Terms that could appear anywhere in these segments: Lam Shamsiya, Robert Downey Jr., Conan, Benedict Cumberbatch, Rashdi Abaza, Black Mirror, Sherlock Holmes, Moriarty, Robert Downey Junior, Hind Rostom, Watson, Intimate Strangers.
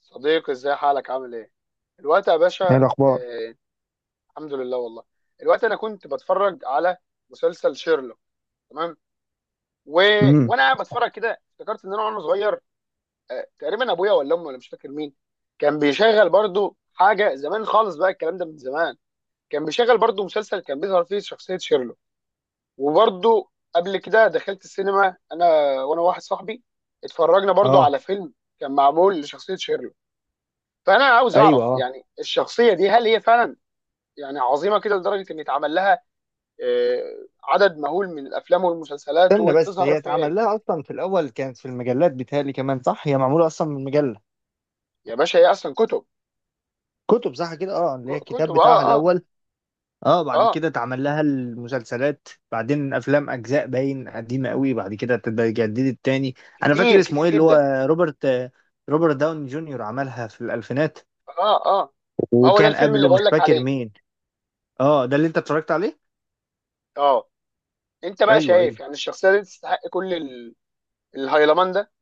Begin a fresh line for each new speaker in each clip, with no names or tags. صديقي، ازاي حالك، عامل ايه الوقت يا
ايه
باشا؟
الاخبار؟
آه، الحمد لله والله. الوقت انا كنت بتفرج على مسلسل شيرلوك، تمام. و...
امم.
وانا قاعد بتفرج كده افتكرت ان انا وانا صغير، تقريبا ابويا ولا امي ولا مش فاكر مين كان بيشغل برضو حاجه زمان خالص. بقى الكلام ده من زمان. كان بيشغل برضو مسلسل كان بيظهر فيه شخصيه شيرلوك. وبرضو قبل كده دخلت السينما انا وانا واحد صاحبي، اتفرجنا برضو
اه،
على فيلم كان معمول لشخصيه شيرلوك. فانا عاوز
ايوه،
اعرف
اه،
يعني الشخصيه دي هل هي فعلا يعني عظيمه كده لدرجه ان يتعمل لها عدد مهول من الافلام والمسلسلات
استنى بس.
وتظهر
هي
في.
اتعمل لها اصلا؟ في الاول كانت في المجلات، بتهيألي كمان، صح؟ هي معموله اصلا من مجله.
يا باشا هي اصلا كتب.
كتب، صح كده، اه، اللي هي
كتب،
الكتاب بتاعها
اه اه.
الاول. اه، بعد
اه،
كده اتعمل لها المسلسلات، بعدين افلام، اجزاء باين قديمه قوي، بعد كده اتجددت تاني. انا فاكر
كتير
اسمه
كتير
ايه اللي
جدا.
هو، روبرت، روبرت داون جونيور، عملها في الالفينات.
اه اه، ما هو ده
وكان
الفيلم اللي
قبله مش
بقول لك
فاكر
عليه.
مين. اه، ده اللي انت اتفرجت عليه؟
اه. انت بقى
ايوه ايوه.
شايف يعني الشخصيه دي تستحق كل الهيلمان ده؟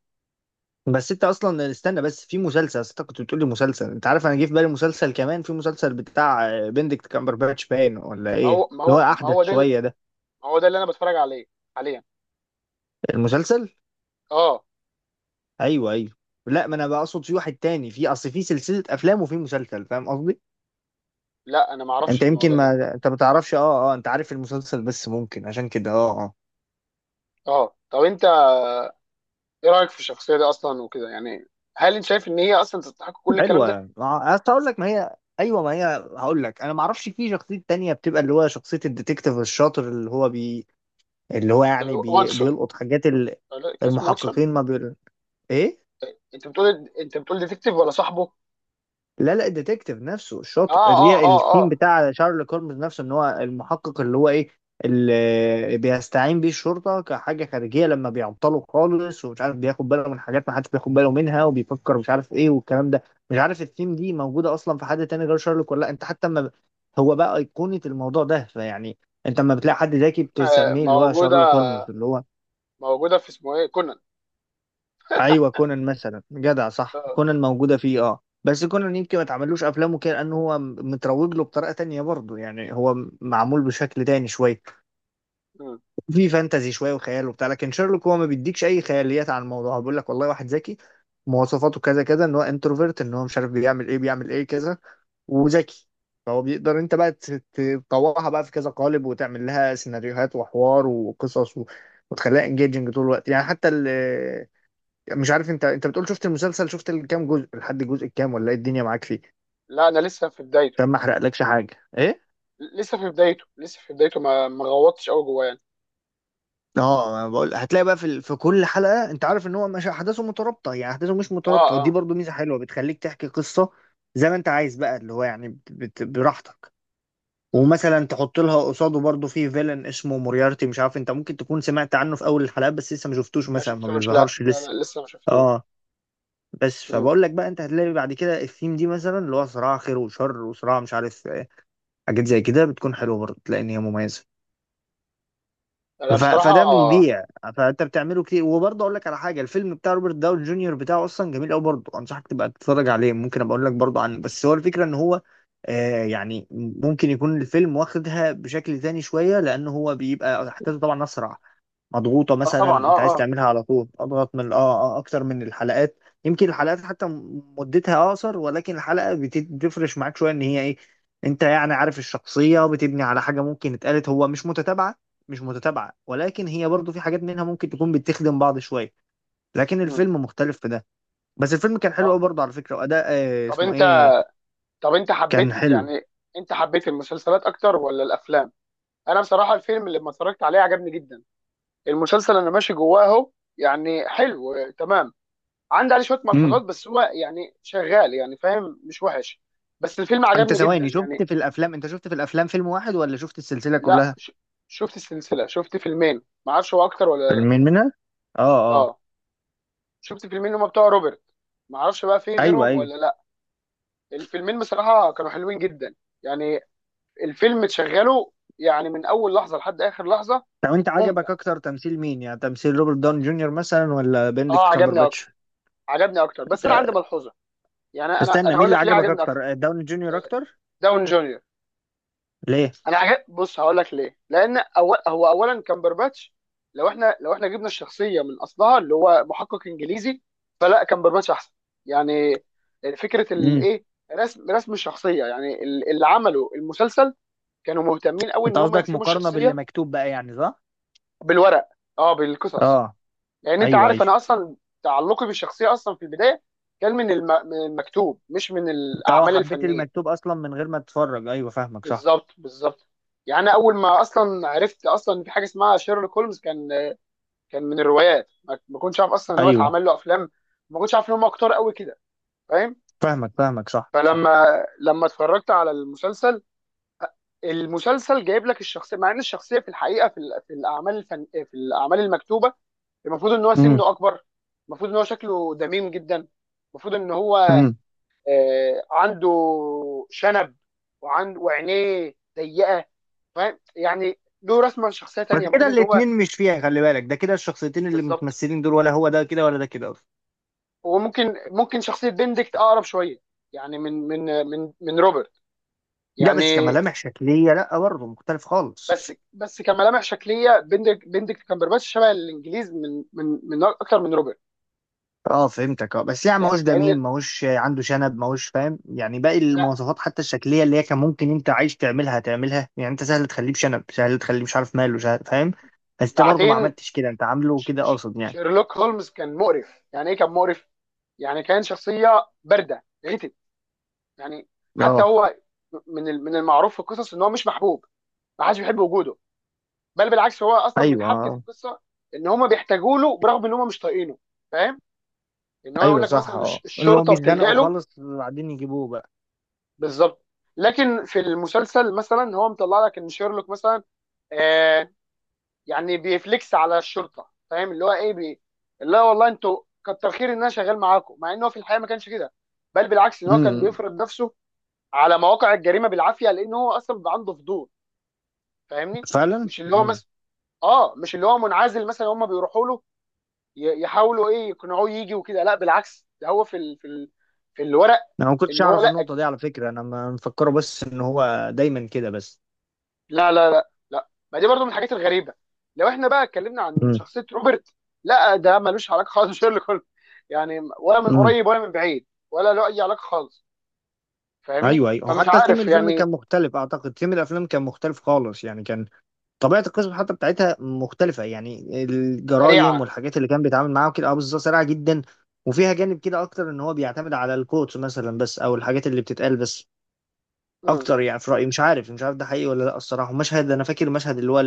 بس انت اصلا استنى بس، في مسلسل، أصل انت كنت بتقول لي مسلسل، انت عارف انا جه في بالي مسلسل كمان، في مسلسل بتاع بندكت كامبرباتش، باين ولا
ما
ايه،
هو ما
اللي هو
هو ما
احدث
هو ده
شويه ده
ما هو ده اللي انا بتفرج عليه حاليا.
المسلسل.
اه.
ايوه ايوه. لا، ما انا بقصد في واحد تاني، في اصل في سلسله افلام وفي مسلسل، فاهم قصدي؟
لا انا ما اعرفش
انت يمكن
الموضوع ده.
ما انت ما تعرفش، اه اه، انت عارف المسلسل بس ممكن عشان كده، اه اه.
اه، طب انت ايه رايك في الشخصيه دي اصلا وكده؟ يعني هل انت شايف ان هي اصلا تستحق كل الكلام ده؟
حلوه، أصل هقول لك، ما هي ايوه، ما هي هقول لك، انا ما اعرفش في شخصيه تانية بتبقى اللي هو شخصيه الديتكتيف الشاطر اللي هو بي، اللي هو يعني
واتسون.
بيلقط حاجات
لا كاس ماتشن.
المحققين، ما ايه،
انت بتقول ديتكتيف ولا صاحبه؟
لا لا، الديتكتيف نفسه الشاطر، اللي
اه اه
هي
اه
الثيم
اه.
بتاع شارلوك هولمز نفسه، ان هو المحقق اللي هو ايه، اللي بيستعين بيه الشرطه كحاجه خارجيه لما بيعطلوا خالص ومش عارف، بياخد باله من حاجات ما حدش بياخد باله منها، وبيفكر مش عارف ايه والكلام ده. مش عارف الثيم دي موجوده اصلا في حد تاني غير شارلوك ولا لا، انت حتى ما، هو بقى ايقونه الموضوع ده، فيعني انت لما بتلاقي حد ذكي بتسميه اللي هو
موجوده،
شارلوك هولمز اللي هو،
في اسمه ايه، كونان.
ايوه كونان مثلا، جدع، صح،
آه.
كونان موجوده فيه. اه، بس كونان يمكن ما اتعملوش افلامه كده لانه هو متروج له بطريقه تانية برضه، يعني هو معمول بشكل تاني شويه.
مم.
في فانتزي شويه وخيال وبتاع، لكن شيرلوك هو ما بيديكش اي خياليات عن الموضوع، هو بيقول لك والله واحد ذكي، مواصفاته كذا كذا، ان هو انتروفيرت، ان هو مش عارف بيعمل ايه بيعمل ايه كذا، وذكي. فهو بيقدر انت بقى تطوعها بقى في كذا قالب وتعمل لها سيناريوهات وحوار وقصص وتخليها انجيجنج طول الوقت، يعني حتى مش عارف انت، انت بتقول شفت المسلسل، شفت الكام جزء، لحد الجزء الكام ولا ايه الدنيا معاك فيه؟
لا انا لسه في بدايته.
عشان ما احرقلكش حاجه. ايه؟
لسه في بدايته، لسه في بدايته، ما غوطتش قوي جواه يعني.
اه، انا بقول هتلاقي بقى في في كل حلقه، انت عارف ان هو مش احداثه مترابطه، يعني احداثه مش
اه
مترابطه، ودي
اه.
برضو ميزه حلوه بتخليك تحكي قصه زي ما انت عايز، بقى اللي هو يعني براحتك.
مم.
ومثلا تحط لها قصاده برضو في فيلن اسمه موريارتي، مش عارف انت ممكن تكون سمعت عنه في اول الحلقات بس لسه ما شفتوش،
ما
مثلا ما
شفتوش، لا
بيظهرش
لا
لسه.
لا لسه ما شفتوش.
اه، بس
مم.
فبقول لك بقى، انت هتلاقي بعد كده الثيم دي مثلا اللي هو صراع خير وشر وصراع مش عارف، حاجات زي كده بتكون حلوه برضه، تلاقي ان هي مميزه.
انا بصراحه،
فده
اه.
بيبيع. فانت بتعمله كتير. وبرضه اقول لك على حاجه، الفيلم بتاع روبرت داون جونيور بتاعه اصلا جميل قوي برضه، انصحك تبقى تتفرج عليه، ممكن ابقى اقول لك برضه عنه. بس هو الفكره ان هو يعني ممكن يكون الفيلم واخدها بشكل تاني شويه، لان هو بيبقى احداثه طبعا اسرع، مضغوطة، مثلا
طبعا،
انت
اه
عايز
اه.
تعملها على طول اضغط من اكتر من الحلقات. يمكن الحلقات حتى مدتها اقصر، ولكن الحلقة بتفرش معاك شوية، ان هي ايه، انت يعني عارف، الشخصية بتبني على حاجة ممكن اتقالت، هو مش متتابعة، مش متتابعة، ولكن هي برضو في حاجات منها ممكن تكون بتخدم بعض شوية. لكن
مم.
الفيلم مختلف في ده. بس الفيلم كان حلو
طب
قوي برضه على فكرة، وأداء
طب
اسمه
انت
ايه،
طب انت
كان
حبيت
حلو.
يعني، انت حبيت المسلسلات اكتر ولا الافلام؟ انا بصراحه الفيلم اللي ما اتفرجت عليه عجبني جدا. المسلسل انا ماشي جواه اهو، يعني حلو. تمام. عندي عليه شويه ملحوظات،
امم
بس هو يعني شغال يعني، فاهم، مش وحش. بس الفيلم
انت
عجبني جدا
ثواني، شفت
يعني.
في الافلام، انت شفت في الافلام فيلم واحد ولا شفت السلسلة
لا
كلها؟
ش- شفت السلسله، شفت فيلمين، ما اعرفش هو اكتر ولا لا.
فيلمين منها، اه اه،
اه. شفت فيلمين هما بتوع روبرت، ما اعرفش بقى في
ايوه
غيرهم
ايوه.
ولا لا. الفيلمين بصراحه كانوا حلوين جدا يعني. الفيلم تشغله يعني من اول لحظه لحد اخر لحظه.
لو انت عجبك
ممتع.
اكتر تمثيل مين، يعني تمثيل روبرت داون جونيور مثلا ولا
اه،
بندكت
عجبني اكتر.
كامبرباتش؟
عجبني اكتر بس انا عندي
ده-
ملحوظه. يعني انا
استنى،
انا
مين
هقول
اللي
لك ليه
عجبك
عجبني اكتر.
اكتر، داون جونيور
آه،
اكتر؟
داون جونيور.
ليه؟
انا عجب، بص هقول لك ليه. لان أول هو اولا كامبرباتش، لو احنا جبنا الشخصيه من اصلها اللي هو محقق انجليزي، فلا كامبرباتش احسن يعني. فكره
امم
الايه، رسم الشخصيه، يعني اللي عملوا المسلسل كانوا مهتمين قوي
انت
ان هم
قصدك
يرسموا
مقارنة باللي
الشخصيه
مكتوب بقى يعني، صح؟
بالورق. اه، بالقصص.
اه،
لان انت
ايوه
عارف
ايوه.
انا اصلا تعلقي بالشخصيه اصلا في البدايه كان من المكتوب، مش من
انت اه
الاعمال
حبيت
الفنيه.
المكتوب اصلا من غير ما تتفرج، ايوه فاهمك، صح.
بالظبط، بالظبط. يعني أنا اول ما اصلا عرفت اصلا إن في حاجه اسمها شيرلوك هولمز كان، كان من الروايات. ما كنتش عارف اصلا ان هو
ايوه،
اتعمل له افلام. ما كنتش عارف ان هم كتار قوي كده، فاهم.
فاهمك فاهمك، صح صح.
فلما، لما اتفرجت على المسلسل، المسلسل جايب لك الشخصيه، مع ان الشخصيه في الحقيقه في الاعمال الفن في الاعمال المكتوبه المفروض ان هو
امم
سنه اكبر، المفروض ان هو شكله دميم جدا، المفروض ان هو
امم
عنده شنب، وعينيه ضيقه، فاهم، يعني له رسمه لشخصيه
بس
تانيه
كده
المفروض ان هو.
الاتنين مش فيها، خلي بالك ده كده الشخصيتين اللي
بالظبط.
متمثلين دول، ولا هو ده كده ولا ده كده اصلا؟
هو ممكن، شخصيه بندكت اقرب شويه يعني من روبرت
لا
يعني.
بس كملامح شكلية، لا برضه مختلف خالص.
بس كملامح شكليه، بندكت كامبرباتش شبه الانجليز من اكتر من روبرت.
اه فهمتك، اه، بس يعني
لا
ماهوش
لان
دميم، ماهوش عنده شنب، ماهوش، فاهم يعني؟ باقي
لا.
المواصفات حتى الشكليه اللي هي كان ممكن، انت عايز تعملها تعملها، يعني انت سهل تخليه بشنب، سهل تخليه مش عارف ماله، سهل، فاهم؟ بس انت برضه ما
بعدين،
عملتش كده، انت عامله كده قاصد، يعني.
شيرلوك هولمز كان مقرف، يعني ايه كان مقرف، يعني كان شخصيه بارده غتت يعني. حتى
اه،
هو من المعروف في القصص ان هو مش محبوب، ما حدش بيحب وجوده. بل بالعكس، هو اصلا من
ايوه،
حبكه
آه.
القصه ان هم بيحتاجوا له برغم ان هم مش طايقينه، فاهم. ان هو يقول
ايوه
لك
صح،
مثلا
اه، اللي هو
الشرطه بتلجأ
بيتزنقوا
له.
خالص بعدين يجيبوه بقى.
بالظبط. لكن في المسلسل مثلا هو مطلع لك ان شيرلوك مثلا آه يعني بيفليكس على الشرطه، فاهم، اللي هو ايه، اللي هو والله انتوا كتر خير ان انا شغال معاكم. مع ان هو في الحقيقه ما كانش كده، بل بالعكس ان هو كان
امم.
بيفرض نفسه على مواقع الجريمه بالعافيه، لان هو اصلا بيبقى عنده فضول. فاهمني،
فعلا.
مش اللي هو
امم.
مثلا، اه مش اللي هو منعزل مثلا هم بيروحوا له، يحاولوا ايه يقنعوه يجي وكده. لا بالعكس، ده هو في في الورق.
انا ما كنتش
ان هو
اعرف
لا،
النقطه دي على فكره، انا ما مفكره بس ان هو دايما كده بس.
لا لا لا لا، ما دي برضو من الحاجات الغريبه. لو احنا بقى اتكلمنا عن شخصيه روبرت، لا ده ملوش علاقه خالص بشيرلوك هولمز، يعني ولا من
امم،
قريب ولا من بعيد ولا له اي علاقه خالص، فاهمني،
ايوه ايوه، هو
فمش
حتى ثيم
عارف
الفيلم كان
يعني.
مختلف اعتقد، ثيم الافلام كان مختلف خالص يعني، كان طبيعه القصه حتى بتاعتها مختلفه، يعني الجرايم
سريعه.
والحاجات اللي كان بيتعامل معاها وكده، اه بالظبط، سريعه جدا. وفيها جانب كده اكتر ان هو بيعتمد على الكوتس مثلا بس، او الحاجات اللي بتتقال بس
امم.
اكتر، يعني في رايي مش عارف، مش عارف ده حقيقي ولا لا الصراحه. مشهد، انا فاكر المشهد اللي هو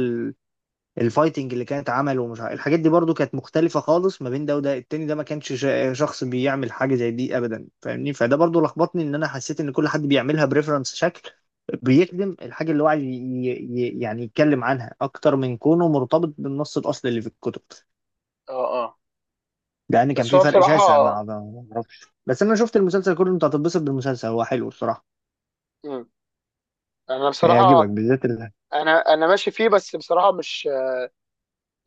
الفايتنج اللي كانت عمله ومش عارف، الحاجات دي برضو كانت مختلفة خالص ما بين ده وده التاني، ده ما كانش شخص بيعمل حاجة زي دي ابدا، فاهمني؟ فده برضو لخبطني، ان انا حسيت ان كل حد بيعملها بريفرنس شكل بيخدم الحاجة اللي هو عايز يعني يتكلم عنها، اكتر من كونه مرتبط بالنص الاصلي اللي في الكتب،
اه اه.
لان كان
بس
في
هو
فرق
بصراحه،
شاسع مع ده ما اعرفش. بس انا شفت المسلسل كله، انت هتتبسط بالمسلسل، هو حلو الصراحة.
امم انا
هيعجبك
بصراحه،
بالذات
انا ماشي فيه بس بصراحه مش.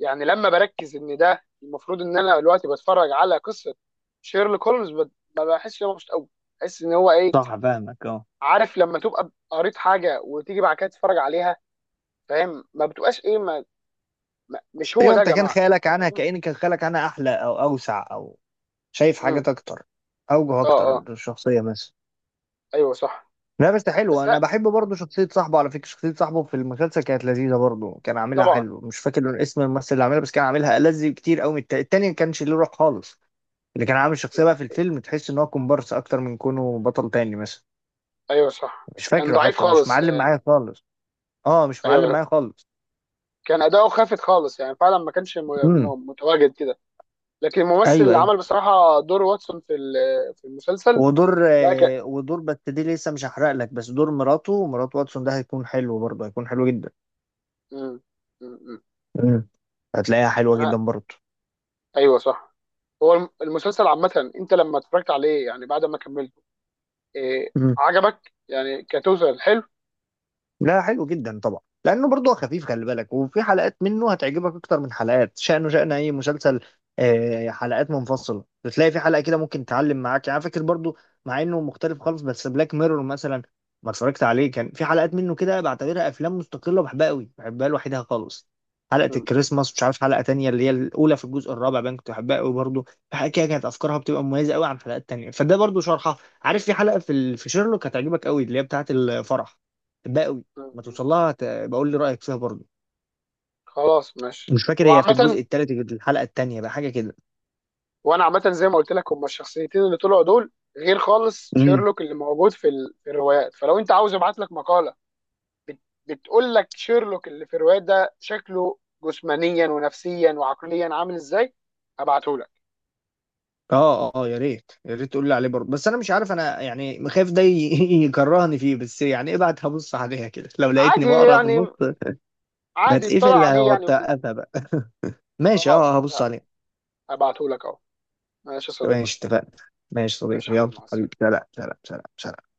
يعني لما بركز ان ده المفروض ان انا دلوقتي بتفرج على قصه شيرلوك هولمز ما بحسش ان انا مبسوط قوي، بحس ان هو ايه.
صح فاهمك، اه،
عارف لما تبقى قريت حاجه وتيجي بعد كده تتفرج عليها، فاهم، ما بتبقاش ايه، ما مش هو
ايوه،
ده يا
انت كان
جماعه،
خيالك عنها
فاهم.
كأن كان خيالك عنها احلى او اوسع، او شايف
امم.
حاجات اكتر، اوجه
اه
اكتر
اه.
للشخصيه مثلا.
ايوه صح.
لا بس حلو،
بس
انا
لا.
بحب برضه شخصيه صاحبه على فكره، شخصيه صاحبه في المسلسل كانت لذيذه برضه، كان عاملها
طبعا.
حلو، مش فاكر اسم الممثل اللي عاملها، بس كان عاملها ألذ كتير قوي من التاني، التاني ما كانش ليه روح خالص. اللي كان عامل الشخصيه بقى في الفيلم، تحس ان هو كومبارس اكتر من كونه بطل تاني مثلا.
ايوه صح،
مش
كان
فاكره
ضعيف
حتى، مش
خالص.
معلم معايا خالص. اه، مش معلم
ايوه،
معايا خالص.
كان اداؤه خافت خالص، يعني فعلا ما كانش
امم،
متواجد كده. لكن الممثل
ايوه
اللي
ايوه.
عمل بصراحه دور واتسون في في المسلسل.
ودور
لا.
ودور، بس دي لسه مش هحرق لك، بس دور مراته، مرات واتسون، ده هيكون حلو برضه، هيكون حلو جدا.
مم. مم.
مم. هتلاقيها حلوة جدا
انا،
برضه.
ايوه صح. هو المسلسل عامه، انت لما اتفرجت عليه يعني بعد ما كملته، إيه عجبك يعني كتوتال، حلو؟
لا حلو جدا طبعا، لانه برضه خفيف خلي بالك، وفي حلقات منه هتعجبك اكتر من حلقات، شأنه شأن اي مسلسل. حلقات منفصله، بتلاقي في حلقه كده ممكن تعلم معاك، يعني فاكر برضه مع انه مختلف خالص بس بلاك ميرور مثلا، ما اتفرجت عليه، كان في حلقات منه كده بعتبرها افلام مستقله بحبها قوي، بحبها لوحدها خالص. حلقه
مم.
الكريسماس، مش عارف حلقه تانية اللي هي الاولى في الجزء الرابع باين، كنت بحبها قوي برضه. في حلقه كده كانت افكارها بتبقى مميزه قوي عن حلقات تانية، فده برضه شرحها. عارف في حلقه في في شيرلوك هتعجبك قوي، اللي هي بتاعه الفرح. بحبها قوي.
مم.
ما
مم.
توصل لها بقول لي رايك فيها برضه.
خلاص ماشي.
مش فاكر، هي في
وعامه،
الجزء الثالث، الحلقه الثانيه بقى، حاجه كده.
وانا عامه زي ما قلت لك، هما الشخصيتين اللي طلعوا دول غير خالص
امم،
شيرلوك اللي موجود في الروايات. فلو انت عاوز ابعت لك مقاله بت... بتقول لك شيرلوك اللي في الروايات ده شكله جسمانيا ونفسيا وعقليا عامل ازاي، هبعته لك.
اه اه، يا ريت يا ريت تقول لي عليه برضه، بس انا مش عارف، انا يعني خايف ده يكرهني فيه، بس يعني ابعت، هبص عليها كده، لو لقيتني
عادي
بقرا في النص
يعني، عادي اطلع
بتقفل
عليه يعني وكده.
هوقفها بقى. ماشي،
خلاص
اه،
ماشي،
هبص عليها.
هبعتهولك اهو. ماشي يا صديقي.
ماشي، اتفقنا. ماشي
ماشي
صديقي،
يا
يلا
حبيبي مع
حبيبي،
السلامة.
سلام سلام سلام سلام.